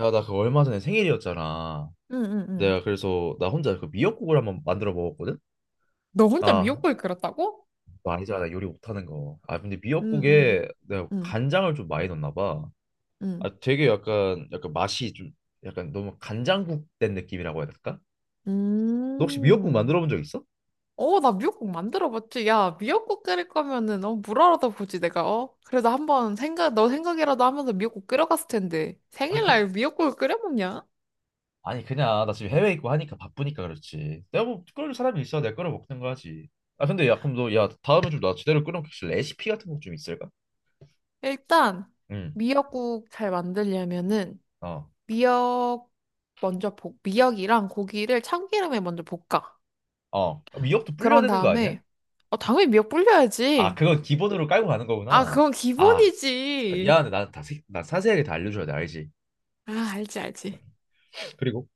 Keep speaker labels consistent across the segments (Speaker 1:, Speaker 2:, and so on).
Speaker 1: 야, 나 그 얼마 전에 생일이었잖아.
Speaker 2: 응, 응, 응.
Speaker 1: 내가 그래서 나 혼자 그 미역국을 한번 만들어 먹었거든?
Speaker 2: 너 혼자
Speaker 1: 아,
Speaker 2: 미역국을 끓였다고?
Speaker 1: 너 알잖아. 나 요리 못하는 거. 아, 근데
Speaker 2: 응, 응,
Speaker 1: 미역국에 내가
Speaker 2: 응,
Speaker 1: 간장을 좀 많이 넣었나 봐.
Speaker 2: 응.
Speaker 1: 아, 되게 약간 맛이 좀 약간 너무 간장국 된 느낌이라고 해야 될까? 너 혹시 미역국
Speaker 2: 음.
Speaker 1: 만들어 본 적 있어?
Speaker 2: 어, 나 미역국 만들어봤지. 야, 미역국 끓일 거면은, 어, 물어라도 보지, 내가, 어? 그래도 한번 생각, 너 생각이라도 하면서 미역국 끓여갔을 텐데.
Speaker 1: 아니, 그,
Speaker 2: 생일날 미역국을 끓여 먹냐?
Speaker 1: 아니, 그냥 나 지금 해외에 있고 하니까 바쁘니까 그렇지. 내가 뭐 끓여줄 사람이 있어. 내가 끓여 먹는 거 하지. 아, 근데 야, 그럼 너, 야, 다음에 좀 나 제대로 끓여 먹을 레시피 같은 거 좀 있을까?
Speaker 2: 일단,
Speaker 1: 응,
Speaker 2: 미역국 잘 만들려면은,
Speaker 1: 어.
Speaker 2: 미역, 미역이랑 고기를 참기름에 먼저 볶아.
Speaker 1: 어, 미역도 불려야
Speaker 2: 그런
Speaker 1: 되는 거 아니야?
Speaker 2: 다음에, 어, 당연히 미역
Speaker 1: 아,
Speaker 2: 불려야지.
Speaker 1: 그건 기본으로 깔고 가는
Speaker 2: 아,
Speaker 1: 거구나.
Speaker 2: 그건
Speaker 1: 아, 나
Speaker 2: 기본이지.
Speaker 1: 미안한데 나는 나 자세하게 다 알려줘야 돼, 알지?
Speaker 2: 아, 알지, 알지.
Speaker 1: 그리고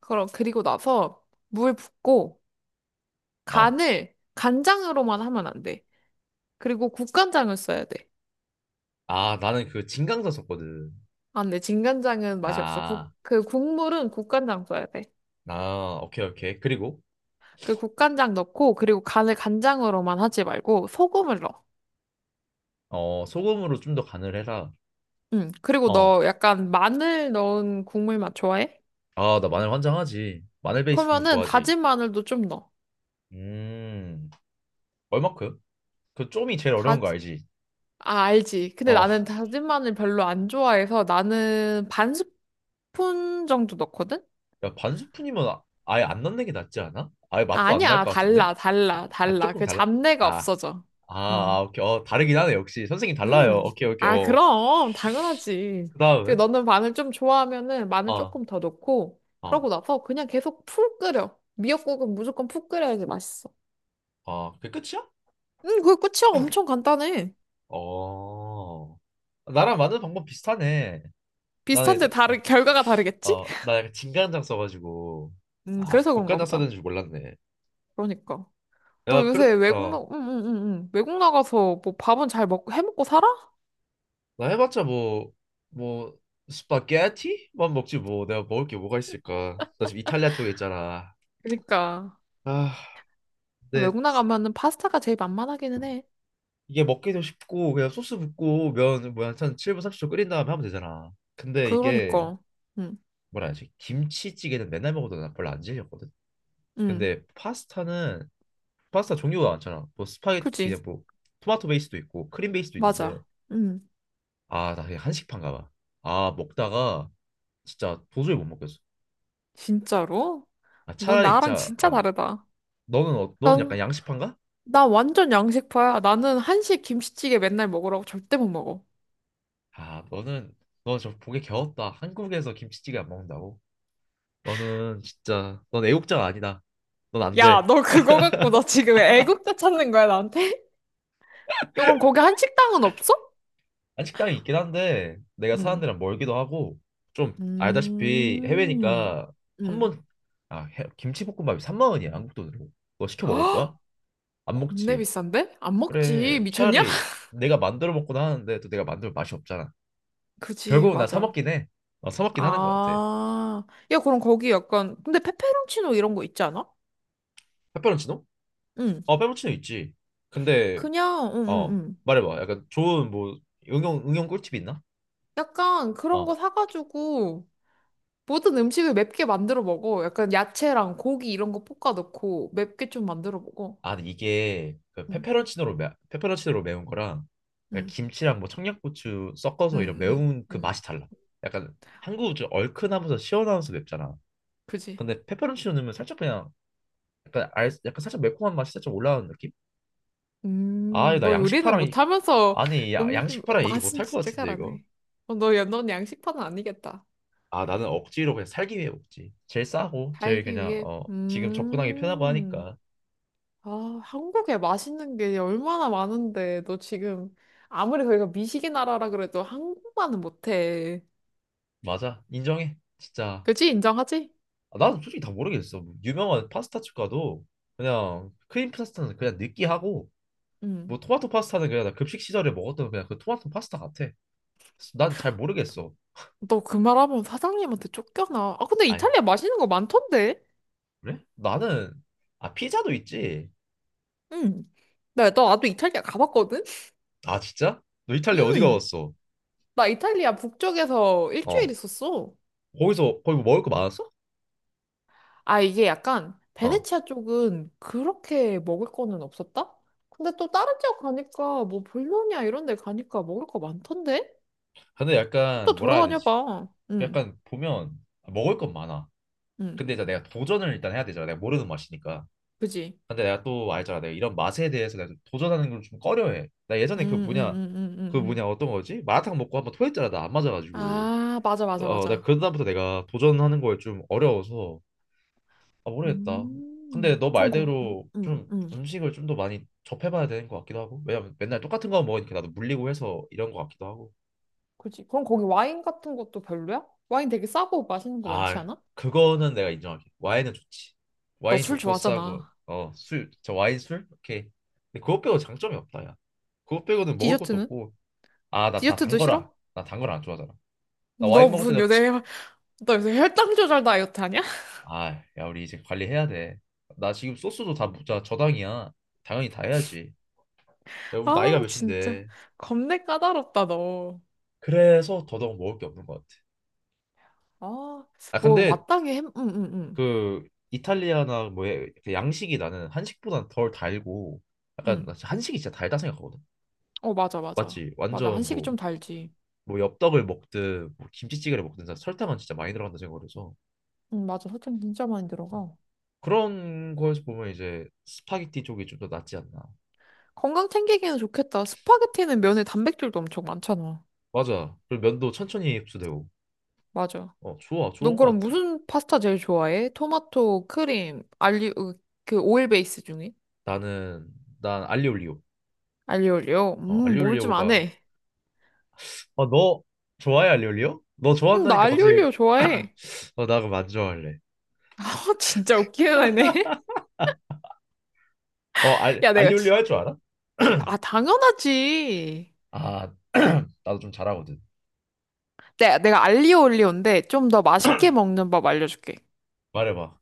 Speaker 2: 그럼, 그리고 나서 물 붓고
Speaker 1: 어.
Speaker 2: 간을 간장으로만 하면 안 돼. 그리고 국간장을 써야 돼.
Speaker 1: 아, 나는 그 진강사 썼거든.
Speaker 2: 안 돼. 진간장은 맛이 없어. 국,
Speaker 1: 아,
Speaker 2: 그 국물은 국간장 써야 돼.
Speaker 1: 나, 오케이. 그리고,
Speaker 2: 그 국간장 넣고, 그리고 간을 간장으로만 하지 말고 소금을 넣어.
Speaker 1: 어, 소금으로 좀 더 간을 해라.
Speaker 2: 응. 그리고
Speaker 1: 어.
Speaker 2: 너 약간 마늘 넣은 국물 맛 좋아해?
Speaker 1: 아, 나 마늘 환장하지. 마늘 베이스 국물
Speaker 2: 그러면은
Speaker 1: 좋아하지.
Speaker 2: 다진 마늘도 좀 넣어.
Speaker 1: 음, 얼마큼? 그 좀이 제일
Speaker 2: 다,
Speaker 1: 어려운 거 알지?
Speaker 2: 아, 알지. 근데
Speaker 1: 어,
Speaker 2: 나는 다진 마늘 별로 안 좋아해서 나는 반 스푼 정도 넣거든?
Speaker 1: 야, 반 스푼이면 아, 예안 넣는 게 낫지 않아? 아예 맛도 안 날
Speaker 2: 아니야,
Speaker 1: 것 같은데?
Speaker 2: 달라,
Speaker 1: 아,
Speaker 2: 달라,
Speaker 1: 아,
Speaker 2: 달라.
Speaker 1: 조금
Speaker 2: 그
Speaker 1: 달라.
Speaker 2: 잡내가
Speaker 1: 아
Speaker 2: 없어져.
Speaker 1: 아, 아,
Speaker 2: 음,
Speaker 1: 오케이. 어, 다르긴 하네, 역시. 선생님 달라요.
Speaker 2: 음.
Speaker 1: 오케이.
Speaker 2: 아,
Speaker 1: 어.
Speaker 2: 그럼, 당연하지.
Speaker 1: 그
Speaker 2: 그리고
Speaker 1: 다음은?
Speaker 2: 너는 마늘 좀 좋아하면은 마늘
Speaker 1: 어,
Speaker 2: 조금 더 넣고,
Speaker 1: 어,
Speaker 2: 그러고 나서 그냥 계속 푹 끓여. 미역국은 무조건 푹 끓여야지 맛있어.
Speaker 1: 어. 그게 끝이야?
Speaker 2: 그게 끝이야. 엄청 간단해.
Speaker 1: 어. 나랑 만드는 방법 비슷하네. 나는
Speaker 2: 비슷한데
Speaker 1: 이제,
Speaker 2: 결과가
Speaker 1: 아,
Speaker 2: 다르겠지?
Speaker 1: 어, 나 약간 진간장 써가지고. 아,
Speaker 2: 그래서 그런가
Speaker 1: 국간장 써야
Speaker 2: 보다.
Speaker 1: 되는 줄 몰랐네.
Speaker 2: 그러니까. 너
Speaker 1: 야, 그래,
Speaker 2: 요새 외국 나,
Speaker 1: 어.
Speaker 2: 응, 응, 응, 응. 외국 나가서 뭐 밥은 잘 먹고, 해 먹고 살아?
Speaker 1: 나 해봤자 뭐, 스파게티만 먹지 뭐. 내가 먹을 게 뭐가 있을까. 나 지금 이탈리아 쪽에 있잖아.
Speaker 2: 그러니까.
Speaker 1: 아, 근
Speaker 2: 외국 나가면은 파스타가 제일 만만하기는 해.
Speaker 1: 이게 먹기도 쉽고 그냥 소스 붓고 면 뭐야 한 7분 30초 끓인 다음에 하면 되잖아. 근데 이게
Speaker 2: 그러니까. 응,
Speaker 1: 뭐라 하지? 김치찌개는 맨날 먹어도 나 별로 안 질렸거든.
Speaker 2: 응.
Speaker 1: 근데 파스타는 파스타 종류가 많잖아. 뭐 스파게티
Speaker 2: 그지?
Speaker 1: 그냥 뭐 토마토 베이스도 있고 크림 베이스도 있는데
Speaker 2: 맞아. 응.
Speaker 1: 아 나 그냥 한식판가 봐. 아 먹다가 진짜 도저히 못 먹겠어.
Speaker 2: 진짜로?
Speaker 1: 아
Speaker 2: 너
Speaker 1: 차라리
Speaker 2: 나랑
Speaker 1: 진짜
Speaker 2: 진짜
Speaker 1: 어
Speaker 2: 다르다.
Speaker 1: 너는 어, 너는 약간
Speaker 2: 나,
Speaker 1: 양식판가?
Speaker 2: 나 완전 양식파야. 나는 한식 김치찌개 맨날 먹으라고 절대 못 먹어.
Speaker 1: 아 너는 너 저 보기 겨웠다. 한국에서 김치찌개 안 먹는다고? 너는 진짜 넌 애국자가 아니다. 넌 안
Speaker 2: 야,
Speaker 1: 돼.
Speaker 2: 너 그거 갖고 너 지금 애국자 찾는 거야, 나한테? 요건 거기 한식당은 없어?
Speaker 1: 한 식당이 있긴 한데 내가 사는
Speaker 2: 응.
Speaker 1: 데랑 멀기도 하고 좀 알다시피
Speaker 2: 음.
Speaker 1: 해외니까 한
Speaker 2: 응.
Speaker 1: 번, 아, 해- 김치볶음밥이 3만 원이야, 한국 돈으로. 그거 시켜 먹을
Speaker 2: 헉!
Speaker 1: 거야? 안
Speaker 2: 겁내
Speaker 1: 먹지.
Speaker 2: 비싼데? 안
Speaker 1: 그래,
Speaker 2: 먹지. 미쳤냐?
Speaker 1: 차라리 내가 만들어 먹곤 하는데 또 내가 만들면 맛이 없잖아.
Speaker 2: 그지,
Speaker 1: 결국은 나 사
Speaker 2: 맞아.
Speaker 1: 먹긴 해. 어, 사 먹긴 하는 것 같아.
Speaker 2: 아. 야, 그럼 거기 약간, 근데 페페론치노 이런 거 있지 않아?
Speaker 1: 페페론치노?
Speaker 2: 응.
Speaker 1: 어, 페페론치노 있지. 근데
Speaker 2: 그냥, 응, 응,
Speaker 1: 어,
Speaker 2: 응.
Speaker 1: 말해봐. 약간 좋은 뭐 응용 꿀팁 있나?
Speaker 2: 약간 그런
Speaker 1: 어.
Speaker 2: 거 사가지고 모든 음식을 맵게 만들어 먹어. 약간 야채랑 고기 이런 거 볶아 넣고 맵게 좀 만들어 먹어.
Speaker 1: 아, 근데 이게
Speaker 2: 응,
Speaker 1: 페페론치노로 매운 거랑 그냥
Speaker 2: 응,
Speaker 1: 김치랑 뭐 청양고추 섞어서 이런
Speaker 2: 응, 응,
Speaker 1: 매운 그
Speaker 2: 응.
Speaker 1: 맛이 달라. 약간 한국은 좀 얼큰하면서 시원하면서 맵잖아.
Speaker 2: 그지?
Speaker 1: 근데 페페론치노 넣으면 살짝 그냥 약간 살짝 매콤한 맛이 살짝 올라오는 느낌? 아, 나
Speaker 2: 너 요리는
Speaker 1: 양식파랑 이-
Speaker 2: 못하면서
Speaker 1: 아니 야,
Speaker 2: 음식
Speaker 1: 양식파랑 얘기 못
Speaker 2: 맛은
Speaker 1: 할 것
Speaker 2: 진짜
Speaker 1: 같은데 이거.
Speaker 2: 잘하네. 어, 너, 야, 넌 양식파는 아니겠다.
Speaker 1: 아, 나는 억지로 그냥 살기 위해 먹지. 제일 싸고 제일
Speaker 2: 살기
Speaker 1: 그냥
Speaker 2: 위해.
Speaker 1: 어 지금 접근하기 편하고
Speaker 2: 음.
Speaker 1: 하니까.
Speaker 2: 아, 한국에 맛있는 게 얼마나 많은데, 너 지금 아무리 거기가 미식의 나라라 그래도 한국만은 못해.
Speaker 1: 맞아, 인정해. 진짜.
Speaker 2: 그지? 인정하지?
Speaker 1: 아, 나는 솔직히 다 모르겠어. 뭐 유명한 파스타집 가도 그냥 크림 파스타는 그냥 느끼하고
Speaker 2: 응.
Speaker 1: 뭐 토마토 파스타는 그냥 나 급식 시절에 먹었던 그냥 그 토마토 파스타 같아. 난 잘 모르겠어.
Speaker 2: 너 그 말하면 사장님한테 쫓겨나. 아, 근데
Speaker 1: 아니,
Speaker 2: 이탈리아 맛있는 거 많던데?
Speaker 1: 그래? 나는 아 피자도 있지.
Speaker 2: 응. 나도 이탈리아 가봤거든?
Speaker 1: 아 진짜? 너 이탈리아 어디
Speaker 2: 응.
Speaker 1: 가봤어?
Speaker 2: 나 이탈리아 북쪽에서 일주일
Speaker 1: 어.
Speaker 2: 있었어.
Speaker 1: 거기서 거기 뭐 먹을 거 많았어?
Speaker 2: 아, 이게 약간
Speaker 1: 어.
Speaker 2: 베네치아 쪽은 그렇게 먹을 거는 없었다? 근데 또 다른 지역 가니까 뭐 볼로냐 이런 데 가니까 먹을 거 많던데?
Speaker 1: 근데
Speaker 2: 또
Speaker 1: 약간 뭐라 해야 되지?
Speaker 2: 돌아다녀봐. 응,
Speaker 1: 약간 보면 아, 먹을 건 많아.
Speaker 2: 응,
Speaker 1: 근데 이제 내가 도전을 일단 해야 되잖아. 내가 모르는 맛이니까.
Speaker 2: 그지?
Speaker 1: 근데 내가 또 알잖아. 내가 이런 맛에 대해서 내가 좀 도전하는 걸 좀 꺼려해. 나
Speaker 2: 응,
Speaker 1: 예전에 그
Speaker 2: 응,
Speaker 1: 뭐냐,
Speaker 2: 응, 응,
Speaker 1: 그
Speaker 2: 응, 응.
Speaker 1: 뭐냐 어떤 거지? 마라탕 먹고 한번 토했잖아. 나 안 맞아가지고.
Speaker 2: 아, 맞아,
Speaker 1: 그,
Speaker 2: 맞아,
Speaker 1: 어, 나
Speaker 2: 맞아.
Speaker 1: 그다음부터 내가 도전하는 걸 좀 어려워서 아 모르겠다. 근데 너
Speaker 2: 그럼 거, 응,
Speaker 1: 말대로
Speaker 2: 응,
Speaker 1: 좀
Speaker 2: 응.
Speaker 1: 음식을 좀 더 많이 접해봐야 되는 것 같기도 하고. 왜냐면 맨날 똑같은 거 먹으니까 나도 물리고 해서 이런 것 같기도 하고.
Speaker 2: 그지? 그럼 거기 와인 같은 것도 별로야? 와인 되게 싸고 맛있는 거 많지
Speaker 1: 아
Speaker 2: 않아?
Speaker 1: 그거는 내가 인정할게. 와인은 좋지.
Speaker 2: 너
Speaker 1: 와인
Speaker 2: 술
Speaker 1: 좋고 싸고
Speaker 2: 좋아하잖아.
Speaker 1: 어 술, 저 와인 술 오케이. 근데 그것 빼고 장점이 없다 야. 그것 빼고는 먹을 것도
Speaker 2: 디저트는?
Speaker 1: 없고 아, 나, 나
Speaker 2: 디저트도
Speaker 1: 단거라.
Speaker 2: 싫어?
Speaker 1: 나 단거라 안 좋아하잖아. 나
Speaker 2: 너
Speaker 1: 와인 먹을
Speaker 2: 무슨
Speaker 1: 때도 치...
Speaker 2: 요새, 혈- 너 요새 혈당 조절 다이어트 하냐?
Speaker 1: 아, 야, 우리 이제 관리해야 돼. 나 지금 소스도 다 무자 저당이야. 당연히 다 해야지. 야, 우리 나이가
Speaker 2: 아, 진짜.
Speaker 1: 몇인데.
Speaker 2: 겁내 까다롭다, 너.
Speaker 1: 그래서 더더욱 먹을 게 없는 것 같아.
Speaker 2: 아,
Speaker 1: 아,
Speaker 2: 뭐,
Speaker 1: 근데
Speaker 2: 마땅히 햄, 응, 응, 응.
Speaker 1: 그 이탈리아나 뭐 해- 그 양식이 나는 한식보다 덜 달고 약간
Speaker 2: 응.
Speaker 1: 나 진짜 한식이 진짜 달다 생각하거든.
Speaker 2: 어, 맞아, 맞아.
Speaker 1: 맞지?
Speaker 2: 맞아.
Speaker 1: 완전
Speaker 2: 한식이
Speaker 1: 뭐
Speaker 2: 좀 달지.
Speaker 1: 뭐 엽떡을 먹든 뭐 김치찌개를 먹든 다 설탕은 진짜 많이 들어간다 생각을 해서
Speaker 2: 맞아. 설탕 진짜 많이
Speaker 1: 어.
Speaker 2: 들어가.
Speaker 1: 그런 거에서 보면 이제 스파게티 쪽이 좀 더 낫지 않나.
Speaker 2: 건강 챙기기는 좋겠다. 스파게티는 면에 단백질도 엄청 많잖아.
Speaker 1: 맞아. 그리고 면도 천천히 흡수되고.
Speaker 2: 맞아.
Speaker 1: 어, 좋아.
Speaker 2: 넌
Speaker 1: 좋은 것
Speaker 2: 그럼
Speaker 1: 같아.
Speaker 2: 무슨 파스타 제일 좋아해? 토마토, 크림, 그 오일 베이스 중에?
Speaker 1: 나는, 난 알리올리오.
Speaker 2: 알리올리오?
Speaker 1: 어,
Speaker 2: 뭘 좀 안
Speaker 1: 알리올리오가.
Speaker 2: 해.
Speaker 1: 어, 너 좋아해, 알리올리오? 너
Speaker 2: 나
Speaker 1: 좋아한다니까 갑자기.
Speaker 2: 알리올리오 좋아해.
Speaker 1: 어, 나 그럼 안 좋아할래.
Speaker 2: 아, 진짜 웃기는 애네.
Speaker 1: 어,
Speaker 2: 야, 내가
Speaker 1: 알리올리오
Speaker 2: 진
Speaker 1: 할 줄 알아?
Speaker 2: 아, 당연하지.
Speaker 1: 아, 나도 좀 잘하거든.
Speaker 2: 내가 알리올리오인데 좀 더 맛있게 먹는 법 알려줄게.
Speaker 1: 말해봐.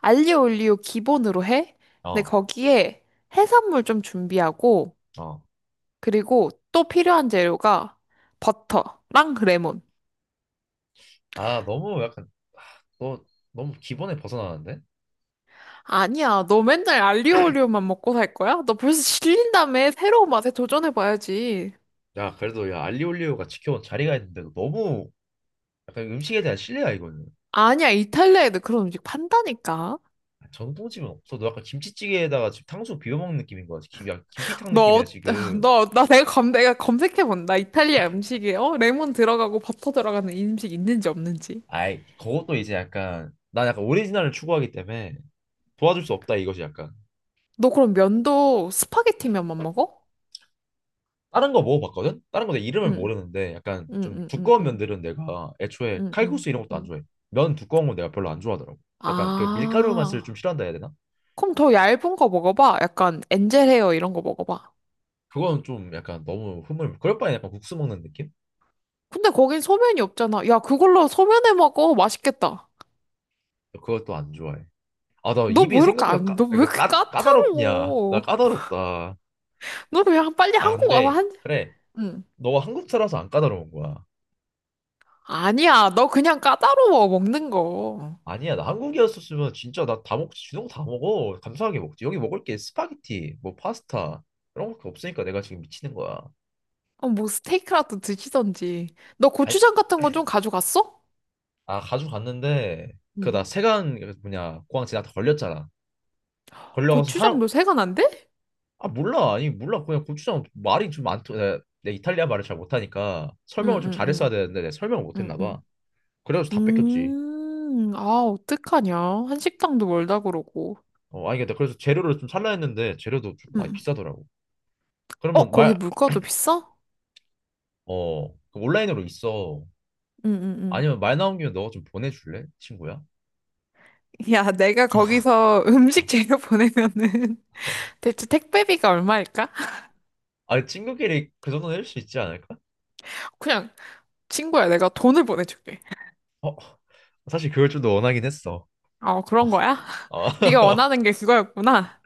Speaker 2: 알리올리오 기본으로 해? 근데
Speaker 1: 어,
Speaker 2: 거기에 해산물 좀 준비하고,
Speaker 1: 어.
Speaker 2: 그리고 또 필요한 재료가 버터랑 레몬.
Speaker 1: 아, 너무 약간, 너 너무 기본에 벗어나는데?
Speaker 2: 아니야, 너 맨날 알리오올리오만 먹고 살 거야? 너 벌써 질린 다음에 새로운 맛에 도전해봐야지.
Speaker 1: 야, 그래도 야, 알리올리오가 지켜온 자리가 있는데, 너 너무 약간 음식에 대한 신뢰야, 이거는.
Speaker 2: 아니야, 이탈리아에도 그런 음식 판다니까.
Speaker 1: 아, 전통집은 없어. 너 약간 김치찌개에다가 지금 탕수육 비벼 먹는 느낌인 거야. 김, 약 김피탕
Speaker 2: 너,
Speaker 1: 느낌이야
Speaker 2: 어-
Speaker 1: 지금.
Speaker 2: 너, 나 내가 검색해본다. 이탈리아 음식에, 어? 레몬 들어가고 버터 들어가는 이 음식 있는지 없는지.
Speaker 1: 아이 그것도 이제 약간 난 약간 오리지널을 추구하기 때문에 도와줄 수 없다 이것이 약간.
Speaker 2: 너 그럼 면도 스파게티 면만 먹어?
Speaker 1: 다른 거 먹어봤거든? 다른 거 내 이름을
Speaker 2: 응,
Speaker 1: 모르는데 약간
Speaker 2: 응,
Speaker 1: 좀
Speaker 2: 응, 응,
Speaker 1: 두꺼운
Speaker 2: 응,
Speaker 1: 면들은 내가 애초에
Speaker 2: 응, 응.
Speaker 1: 칼국수 이런 것도 안
Speaker 2: 응.
Speaker 1: 좋아해. 면 두꺼운 건 내가 별로 안 좋아하더라고. 약간 그 밀가루 맛을 좀
Speaker 2: 아.
Speaker 1: 싫어한다 해야 되나?
Speaker 2: 그럼 더 얇은 거 먹어봐. 약간 엔젤 헤어 이런 거 먹어봐.
Speaker 1: 그건 좀 약간 너무 흐물. 그럴 바에 약간 국수 먹는 느낌?
Speaker 2: 근데 거긴 소면이 없잖아. 야, 그걸로 소면해 먹어. 맛있겠다.
Speaker 1: 그것도 안 좋아해. 아, 나
Speaker 2: 너
Speaker 1: 입이
Speaker 2: 뭐 이렇게
Speaker 1: 생각보다
Speaker 2: 안, 너 왜 이렇게
Speaker 1: 까다롭냐? 나
Speaker 2: 까다로워?
Speaker 1: 까다롭다.
Speaker 2: 너 그냥 빨리
Speaker 1: 아,
Speaker 2: 한국 와서
Speaker 1: 근데
Speaker 2: 한,
Speaker 1: 그래.
Speaker 2: 응.
Speaker 1: 너가 한국 살아서 안 까다로운 거야.
Speaker 2: 아니야, 너 그냥 까다로워, 먹는 거.
Speaker 1: 아니야. 나 한국이었었으면 진짜 나 다 먹지. 주는 거다 먹어. 감사하게 먹지. 여기 먹을 게 스파게티, 뭐 파스타 이런 거 없으니까 내가 지금 미치는 거야.
Speaker 2: 어, 뭐 스테이크라도 드시던지. 너
Speaker 1: 아,
Speaker 2: 고추장 같은 거 좀 가져갔어?
Speaker 1: 아 가져갔는데 그
Speaker 2: 응.
Speaker 1: 나 세관 그 뭐냐 공항 지나다 걸렸잖아. 걸려가서
Speaker 2: 고추장
Speaker 1: 하라
Speaker 2: 너 생각 안 돼?
Speaker 1: 아 몰라. 아니 몰라. 그냥 고추장 말이 좀 많더. 내가 이탈리아 말을 잘 못하니까
Speaker 2: 응,
Speaker 1: 설명을 좀
Speaker 2: 응,
Speaker 1: 잘했어야
Speaker 2: 응,
Speaker 1: 되는데 내가 설명을
Speaker 2: 응,
Speaker 1: 못했나
Speaker 2: 응.
Speaker 1: 봐. 그래가지고 다 뺏겼지.
Speaker 2: 아, 어떡하냐. 한식당도 멀다 그러고.
Speaker 1: 어, 아니 근데 그래서 재료를 좀 살라 했는데 재료도 좀 많이
Speaker 2: 응.
Speaker 1: 비싸더라고.
Speaker 2: 어,
Speaker 1: 그러면
Speaker 2: 거기
Speaker 1: 말
Speaker 2: 물가도 비싸?
Speaker 1: 어, 그 온라인으로 있어.
Speaker 2: 응응응.
Speaker 1: 아니면 말 나온 김에 너가 좀 보내줄래? 친구야?
Speaker 2: 야, 내가
Speaker 1: 아,
Speaker 2: 거기서 음식 재료 보내면은 대체 택배비가 얼마일까?
Speaker 1: 아니, 친구끼리 그 정도는 해줄 수 있지 않을까?
Speaker 2: 그냥 친구야, 내가 돈을 보내줄게.
Speaker 1: 사실 그걸 좀 더 원하긴 했어.
Speaker 2: 어, 그런 거야? 네가
Speaker 1: 아,
Speaker 2: 원하는 게 그거였구나.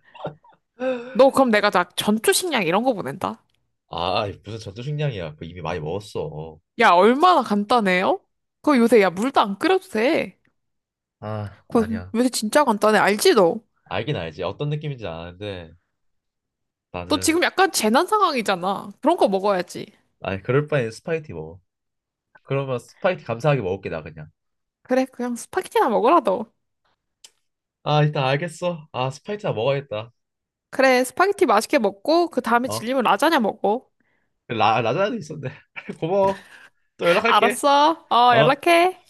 Speaker 2: 너 그럼 내가 나 전투 식량 이런 거 보낸다.
Speaker 1: 아, 무슨 전투식량이야. 그 이미 많이 먹었어.
Speaker 2: 야, 얼마나 간단해요? 그거 요새 야 물도 안 끓여도 돼.
Speaker 1: 아,
Speaker 2: 그거
Speaker 1: 아니야.
Speaker 2: 요새 진짜 간단해. 알지 너?
Speaker 1: 알긴 알지. 어떤 느낌인지 아는데
Speaker 2: 너
Speaker 1: 나는
Speaker 2: 지금 약간 재난 상황이잖아. 그런 거 먹어야지.
Speaker 1: 아니 그럴 바엔 스파게티 먹어. 그러면 스파게티 감사하게 먹을게 나 그냥.
Speaker 2: 그래, 그냥 스파게티나 먹으라 너.
Speaker 1: 아, 일단 알겠어. 아, 스파게티 나 먹어야겠다.
Speaker 2: 그래, 스파게티 맛있게 먹고, 그 다음에
Speaker 1: 어?
Speaker 2: 질리면 라자냐 먹어.
Speaker 1: 라자나도 있었네. 고마워. 또 연락할게.
Speaker 2: 알았어. 어,
Speaker 1: 어?
Speaker 2: 연락해.